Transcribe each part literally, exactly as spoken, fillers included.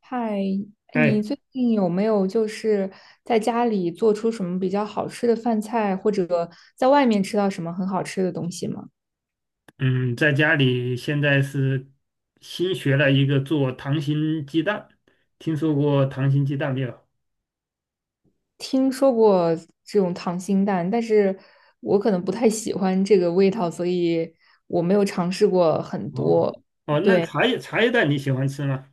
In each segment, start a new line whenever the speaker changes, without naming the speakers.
嗨，哎你
哎，
最近有没有就是在家里做出什么比较好吃的饭菜，或者在外面吃到什么很好吃的东西吗？
嗯，在家里现在是新学了一个做糖心鸡蛋，听说过糖心鸡蛋没有？
听说过这种糖心蛋，但是我可能不太喜欢这个味道，所以我没有尝试过很
哦
多。
哦，那茶叶茶叶蛋你喜欢吃吗？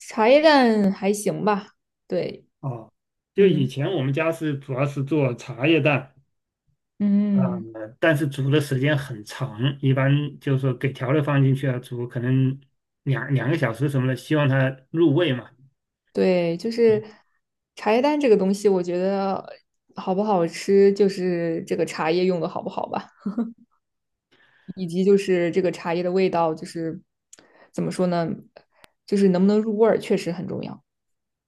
茶叶蛋还行吧，对，
哦就以
嗯
前我们家是主要是做茶叶蛋，啊，
嗯，
但是煮的时间很长，一般就是说给调料放进去啊，煮可能两两个小时什么的，希望它入味嘛。
对，就是茶叶蛋这个东西，我觉得好不好吃，就是这个茶叶用的好不好吧。以及就是这个茶叶的味道，就是怎么说呢，就是能不能入味儿，确实很重要。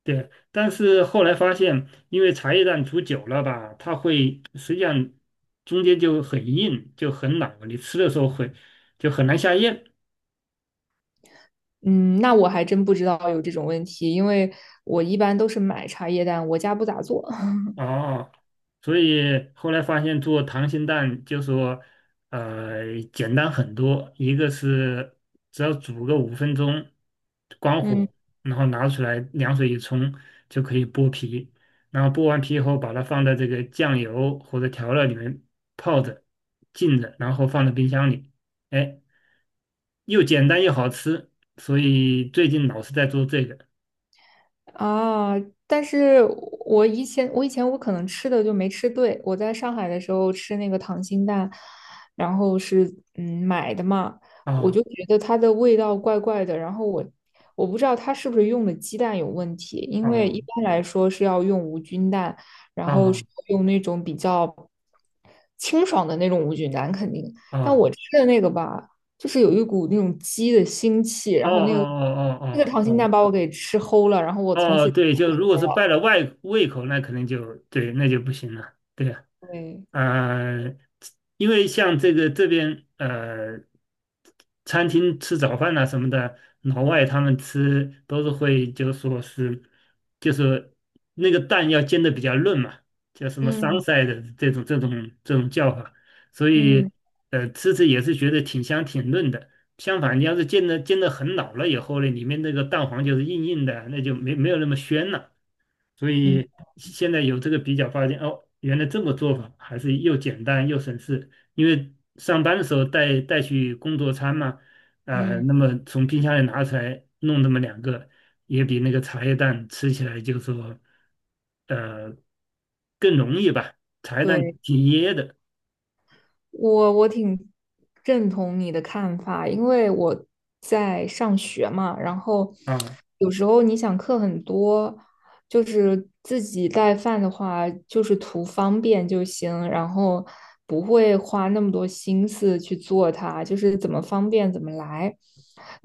对，但是后来发现，因为茶叶蛋煮久了吧，它会实际上中间就很硬，就很老，你吃的时候会就很难下咽。
嗯，那我还真不知道有这种问题，因为我一般都是买茶叶蛋，我家不咋做。
哦，所以后来发现做溏心蛋就说，呃，简单很多。一个是只要煮个五分钟，关
嗯。
火，然后拿出来凉水一冲就可以剥皮。然后剥完皮以后，把它放在这个酱油或者调料里面泡着、浸着，然后放到冰箱里。哎，又简单又好吃，所以最近老是在做这个。
啊，但是我以前我以前我可能吃的就没吃对，我在上海的时候吃那个溏心蛋，然后是嗯买的嘛，我
哦
就觉得它的味道怪怪的，然后我我不知道它是不是用的鸡蛋有问题，因为一
哦
般来说是要用无菌蛋，然后是
哦
用那种比较清爽的那种无菌蛋肯定，但
哦
我吃的那个吧，就是有一股那种鸡的腥气，
哦
然
哦
后那个
哦
那个
哦
溏
哦哦
心蛋
哦。
把我给吃齁了，然后我从
哦，
此
对，就如果是败了外胃口，那肯定就对，那就不行了。对呀。
对，
呃，因为像这个这边呃，餐厅吃早饭呐什么的，老外他们吃都是会就说是，就是那个蛋要煎的比较嫩嘛，叫什么
嗯
sunset 的这种这种这种叫法，所以
嗯
呃吃着也是觉得挺香挺嫩的。相反，你要是煎的煎的很老了以后呢，里面那个蛋黄就是硬硬的，那就没没有那么鲜了。所
嗯
以现在有这个比较，发现哦，原来这么做法还是又简单又省事。因为上班的时候带带去工作餐嘛，呃，
嗯，
那么从冰箱里拿出来弄那么两个，也比那个茶叶蛋吃起来就说，呃，更容易吧。茶叶蛋
对。
挺噎的
我我挺认同你的看法，因为我在上学嘛，然后
啊
有时候你想课很多，就是自己带饭的话，就是图方便就行，然后不会花那么多心思去做它，就是怎么方便怎么来。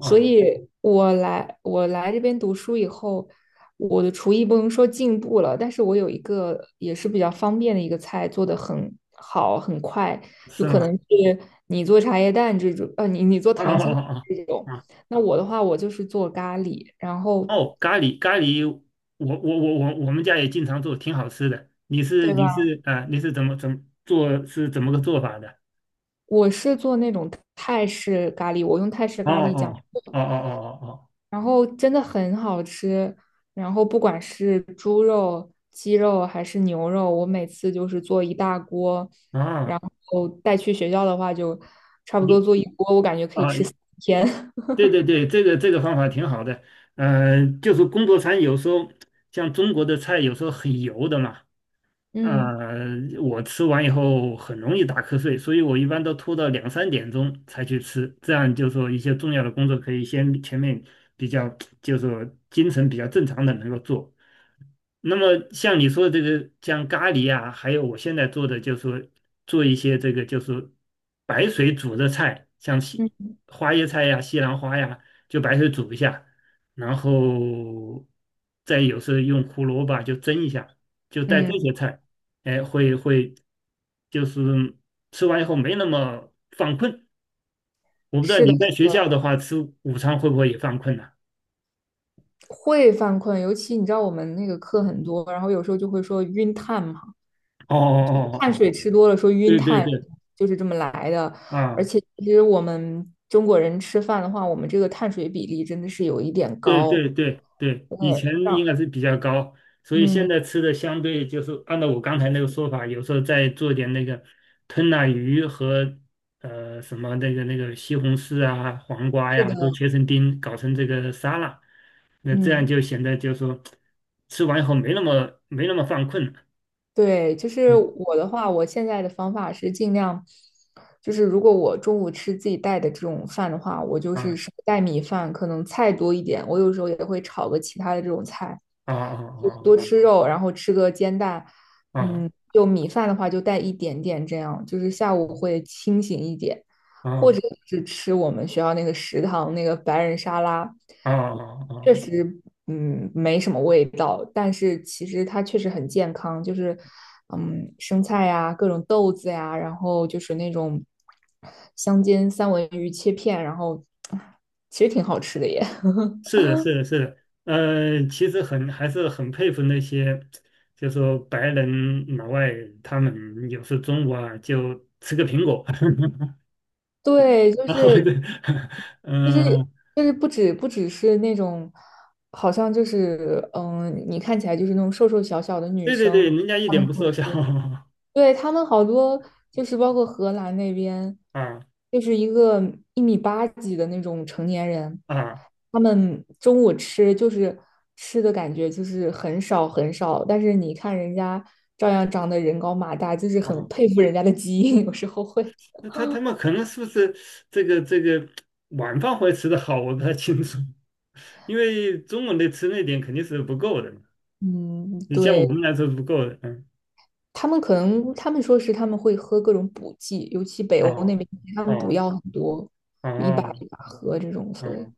所以我来我来这边读书以后，我的厨艺不能说进步了，但是我有一个也是比较方便的一个菜，做的很好，很快。就
是
可能
吗？
是你做茶叶蛋这种，呃，你你做
啊
糖心
啊啊！
这种。
啊
那我的话，我就是做咖喱，然后
哦，咖喱咖喱，我我我我我们家也经常做，挺好吃的。你是
对
你
吧？
是啊、呃你是怎么怎么做？是怎么个做法的？
我是做那种泰式咖喱，我用泰式
哦
咖喱酱，
哦哦哦哦
然后真的很好吃。然后不管是猪肉、鸡肉还是牛肉，我每次就是做一大锅，
哦哦，
然
啊，
后带去学校的话，就差不多
你
做一锅，我感觉可以
啊，
吃。
对对对，这个这个方法挺好的。嗯，就是工作餐有时候像中国的菜有时候很油的嘛，
嗯
呃，我吃完以后很容易打瞌睡，所以我一般都拖到两三点钟才去吃，这样就说一些重要的工作可以先前面比较，就说精神比较正常的能够做。那么像你说的这个，像咖喱啊，还有我现在做的就是说做一些这个就是白水煮的菜，像西
嗯
花椰菜呀、西兰花呀，就白水煮一下，然后再有时候用胡萝卜就蒸一下，就带
嗯，
这些菜，哎，会会就是吃完以后没那么犯困。我不知道
是的，
你在学校的话吃午餐会不会也犯困呢、
会犯困，尤其你知道我们那个课很多，然后有时候就会说晕碳嘛，
哦哦
就是
哦哦
碳
哦，
水吃多了说晕
对对
碳，
对，
就是这么来的。而
啊
且其实我们中国人吃饭的话，我们这个碳水比例真的是有一点
对
高。
对对对，以前
对，让
应该是比较高，所以现
嗯，
在吃的相对就是按照我刚才那个说法，有时候再做点那个吞拿鱼和呃什么那个那个西红柿啊、黄瓜
是
呀、
的，
都切成丁，搞成这个沙拉，那这样
嗯，
就显得就是说吃完以后没那么没那么犯困了。
对，就是
嗯
我的话，我现在的方法是尽量，就是如果我中午吃自己带的这种饭的话，我就是
啊
少带米饭，可能菜多一点。我有时候也会炒个其他的这种菜，
啊啊
就
啊
多吃肉，然后吃个煎蛋。嗯，
啊
就米饭的话就带一点点，这样就是下午会清醒一点。或
啊
者是吃我们学校那个食堂那个白人沙拉，
啊啊啊！
确实，嗯，没什么味道，但是其实它确实很健康，就是，嗯，生菜呀，各种豆子呀，然后就是那种香煎三文鱼切片，然后其实挺好吃的耶。
是的，是的，是的，呃，其实很还是很佩服那些，就说白人老外，他们有时中午啊就吃个苹果，
对，就
然后
是
对
就是
嗯、
就是不止不只是那种，好像就是嗯，你看起来就是那种瘦瘦小小的女
对对
生，
对，人家一
她
点
们
不
就
瘦小
是 对，他们好多就是包括荷兰那边，
啊
就是一个一米八几的那种成年人，
啊
他们中午吃就是吃的感觉就是很少很少，但是你看人家照样长得人高马大，就是很
啊，
佩服人家的基因，有时候会。
那他他们可能是不是这个这个晚饭会吃的好，我不太清楚，因为中午的吃那点肯定是不够的嘛
嗯，
你像我
对，
们来说是不够的，嗯，
他们可能他们说是他们会喝各种补剂，尤其北欧那
哦
边，他们补
哦
药很多，
哦
一把
哦。
一把喝这种，所以。
嗯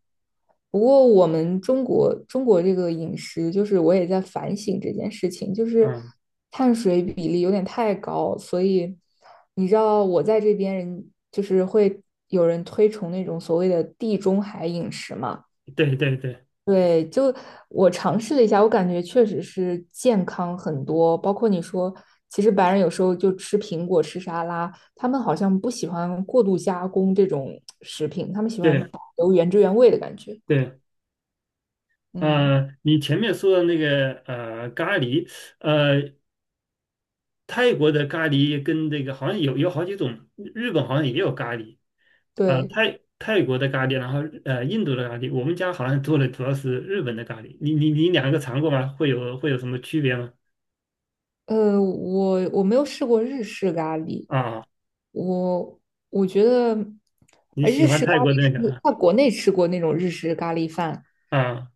不过我们中国中国这个饮食，就是我也在反省这件事情，就是
嗯
碳水比例有点太高，所以你知道我在这边人就是会有人推崇那种所谓的地中海饮食嘛。
对对对
对，就我尝试了一下，我感觉确实是健康很多。包括你说，其实白人有时候就吃苹果、吃沙拉，他们好像不喜欢过度加工这种食品，他们喜欢
对
保留原汁原味的感觉。
对，
嗯。
呃，你前面说的那个呃咖喱，呃，泰国的咖喱跟这个好像有有好几种，日本好像也有咖喱，呃，
对，
泰泰国的咖喱，然后呃印度的咖喱，我们家好像做的主要是日本的咖喱，你你你两个尝过吗？会有会有什么区别吗？
呃，我我没有试过日式咖喱，
啊，
我我觉得
你
呃
喜
日
欢
式咖
泰国的
喱
那个
是
啊
在国内吃过那种日式咖喱饭，
啊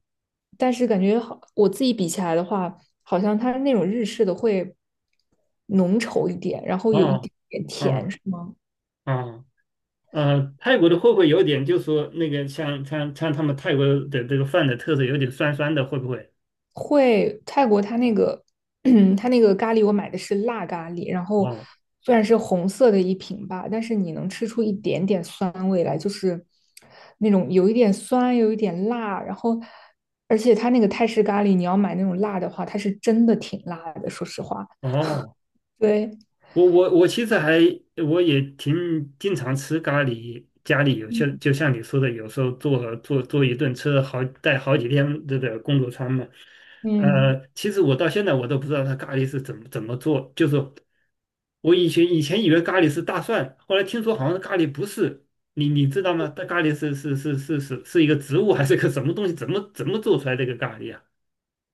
但是感觉好，我自己比起来的话，好像它那种日式的会浓稠一点，然后
哦
有一点
哦啊。哦呃，泰国的会不会有点，就是说那个像像像他们泰国的这个饭的特色，有点酸酸的，会不会？
会泰国它那个 它那个咖喱，我买的是辣咖喱，然后
哦
虽然是红色的一瓶吧，但是你能吃出一点点酸味来，就是那种有一点酸，有一点辣，然后而且它那个泰式咖喱，你要买那种辣的话，它是真的挺辣的，说实话。
哦
对，
我我我其实还我也挺经常吃咖喱，家里有些就像你说的，有时候做做做一顿吃好带好几天这个工作餐嘛。
嗯，
呃，其实我到现在我都不知道它咖喱是怎么怎么做，就是我以前以前以为咖喱是大蒜，后来听说好像咖喱不是，你你知道吗？它咖喱是是是是是是一个植物还是个什么东西？怎么怎么做出来这个咖喱啊？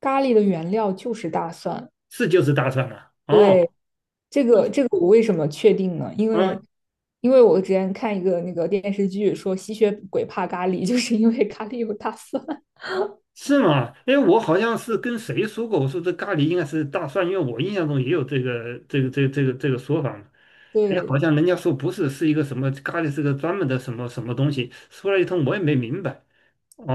咖喱的原料就是大蒜，
是就是大蒜啊？哦，
这个这个我为什么确定呢？因为
啊。
因为我之前看一个那个电视剧说吸血鬼怕咖喱，就是因为咖喱有大蒜。
是吗？哎，我好像是跟谁说过，我说这咖喱应该是大蒜，因为我印象中也有这个这个这个这个这个说法嘛。哎，好
对，
像人家说不是，是一个什么咖喱，是个专门的什么什么东西。说了一通，我也没明白。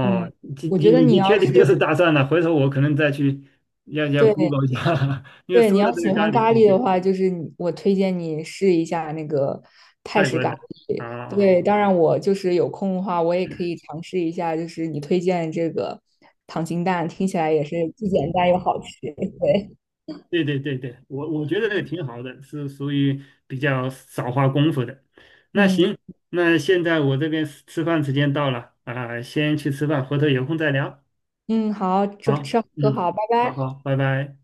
嗯，
你
我觉
你
得
你
你
你
要
确
是
定就是大蒜了？回头我可能再去要要
对
Google 一下，因为
对你
说了
要
这
喜
个咖
欢
喱，
咖喱
嗯，
的话，就是你我推荐你试一下那个泰
泰
式
国
咖
的啊
喱。
啊
对，
啊。
当然我就是有空的话，我也可以尝试一下，就是你推荐这个糖心蛋，听起来也是既简单又好吃。对，
对对对对，我我觉得这个挺好的，是属于比较少花功夫的。那
嗯
行，那现在我这边吃吃饭时间到了啊，先去吃饭，回头有空再聊。
嗯，好，吃
好，
吃喝
嗯，
好，拜
好
拜。
好，拜拜。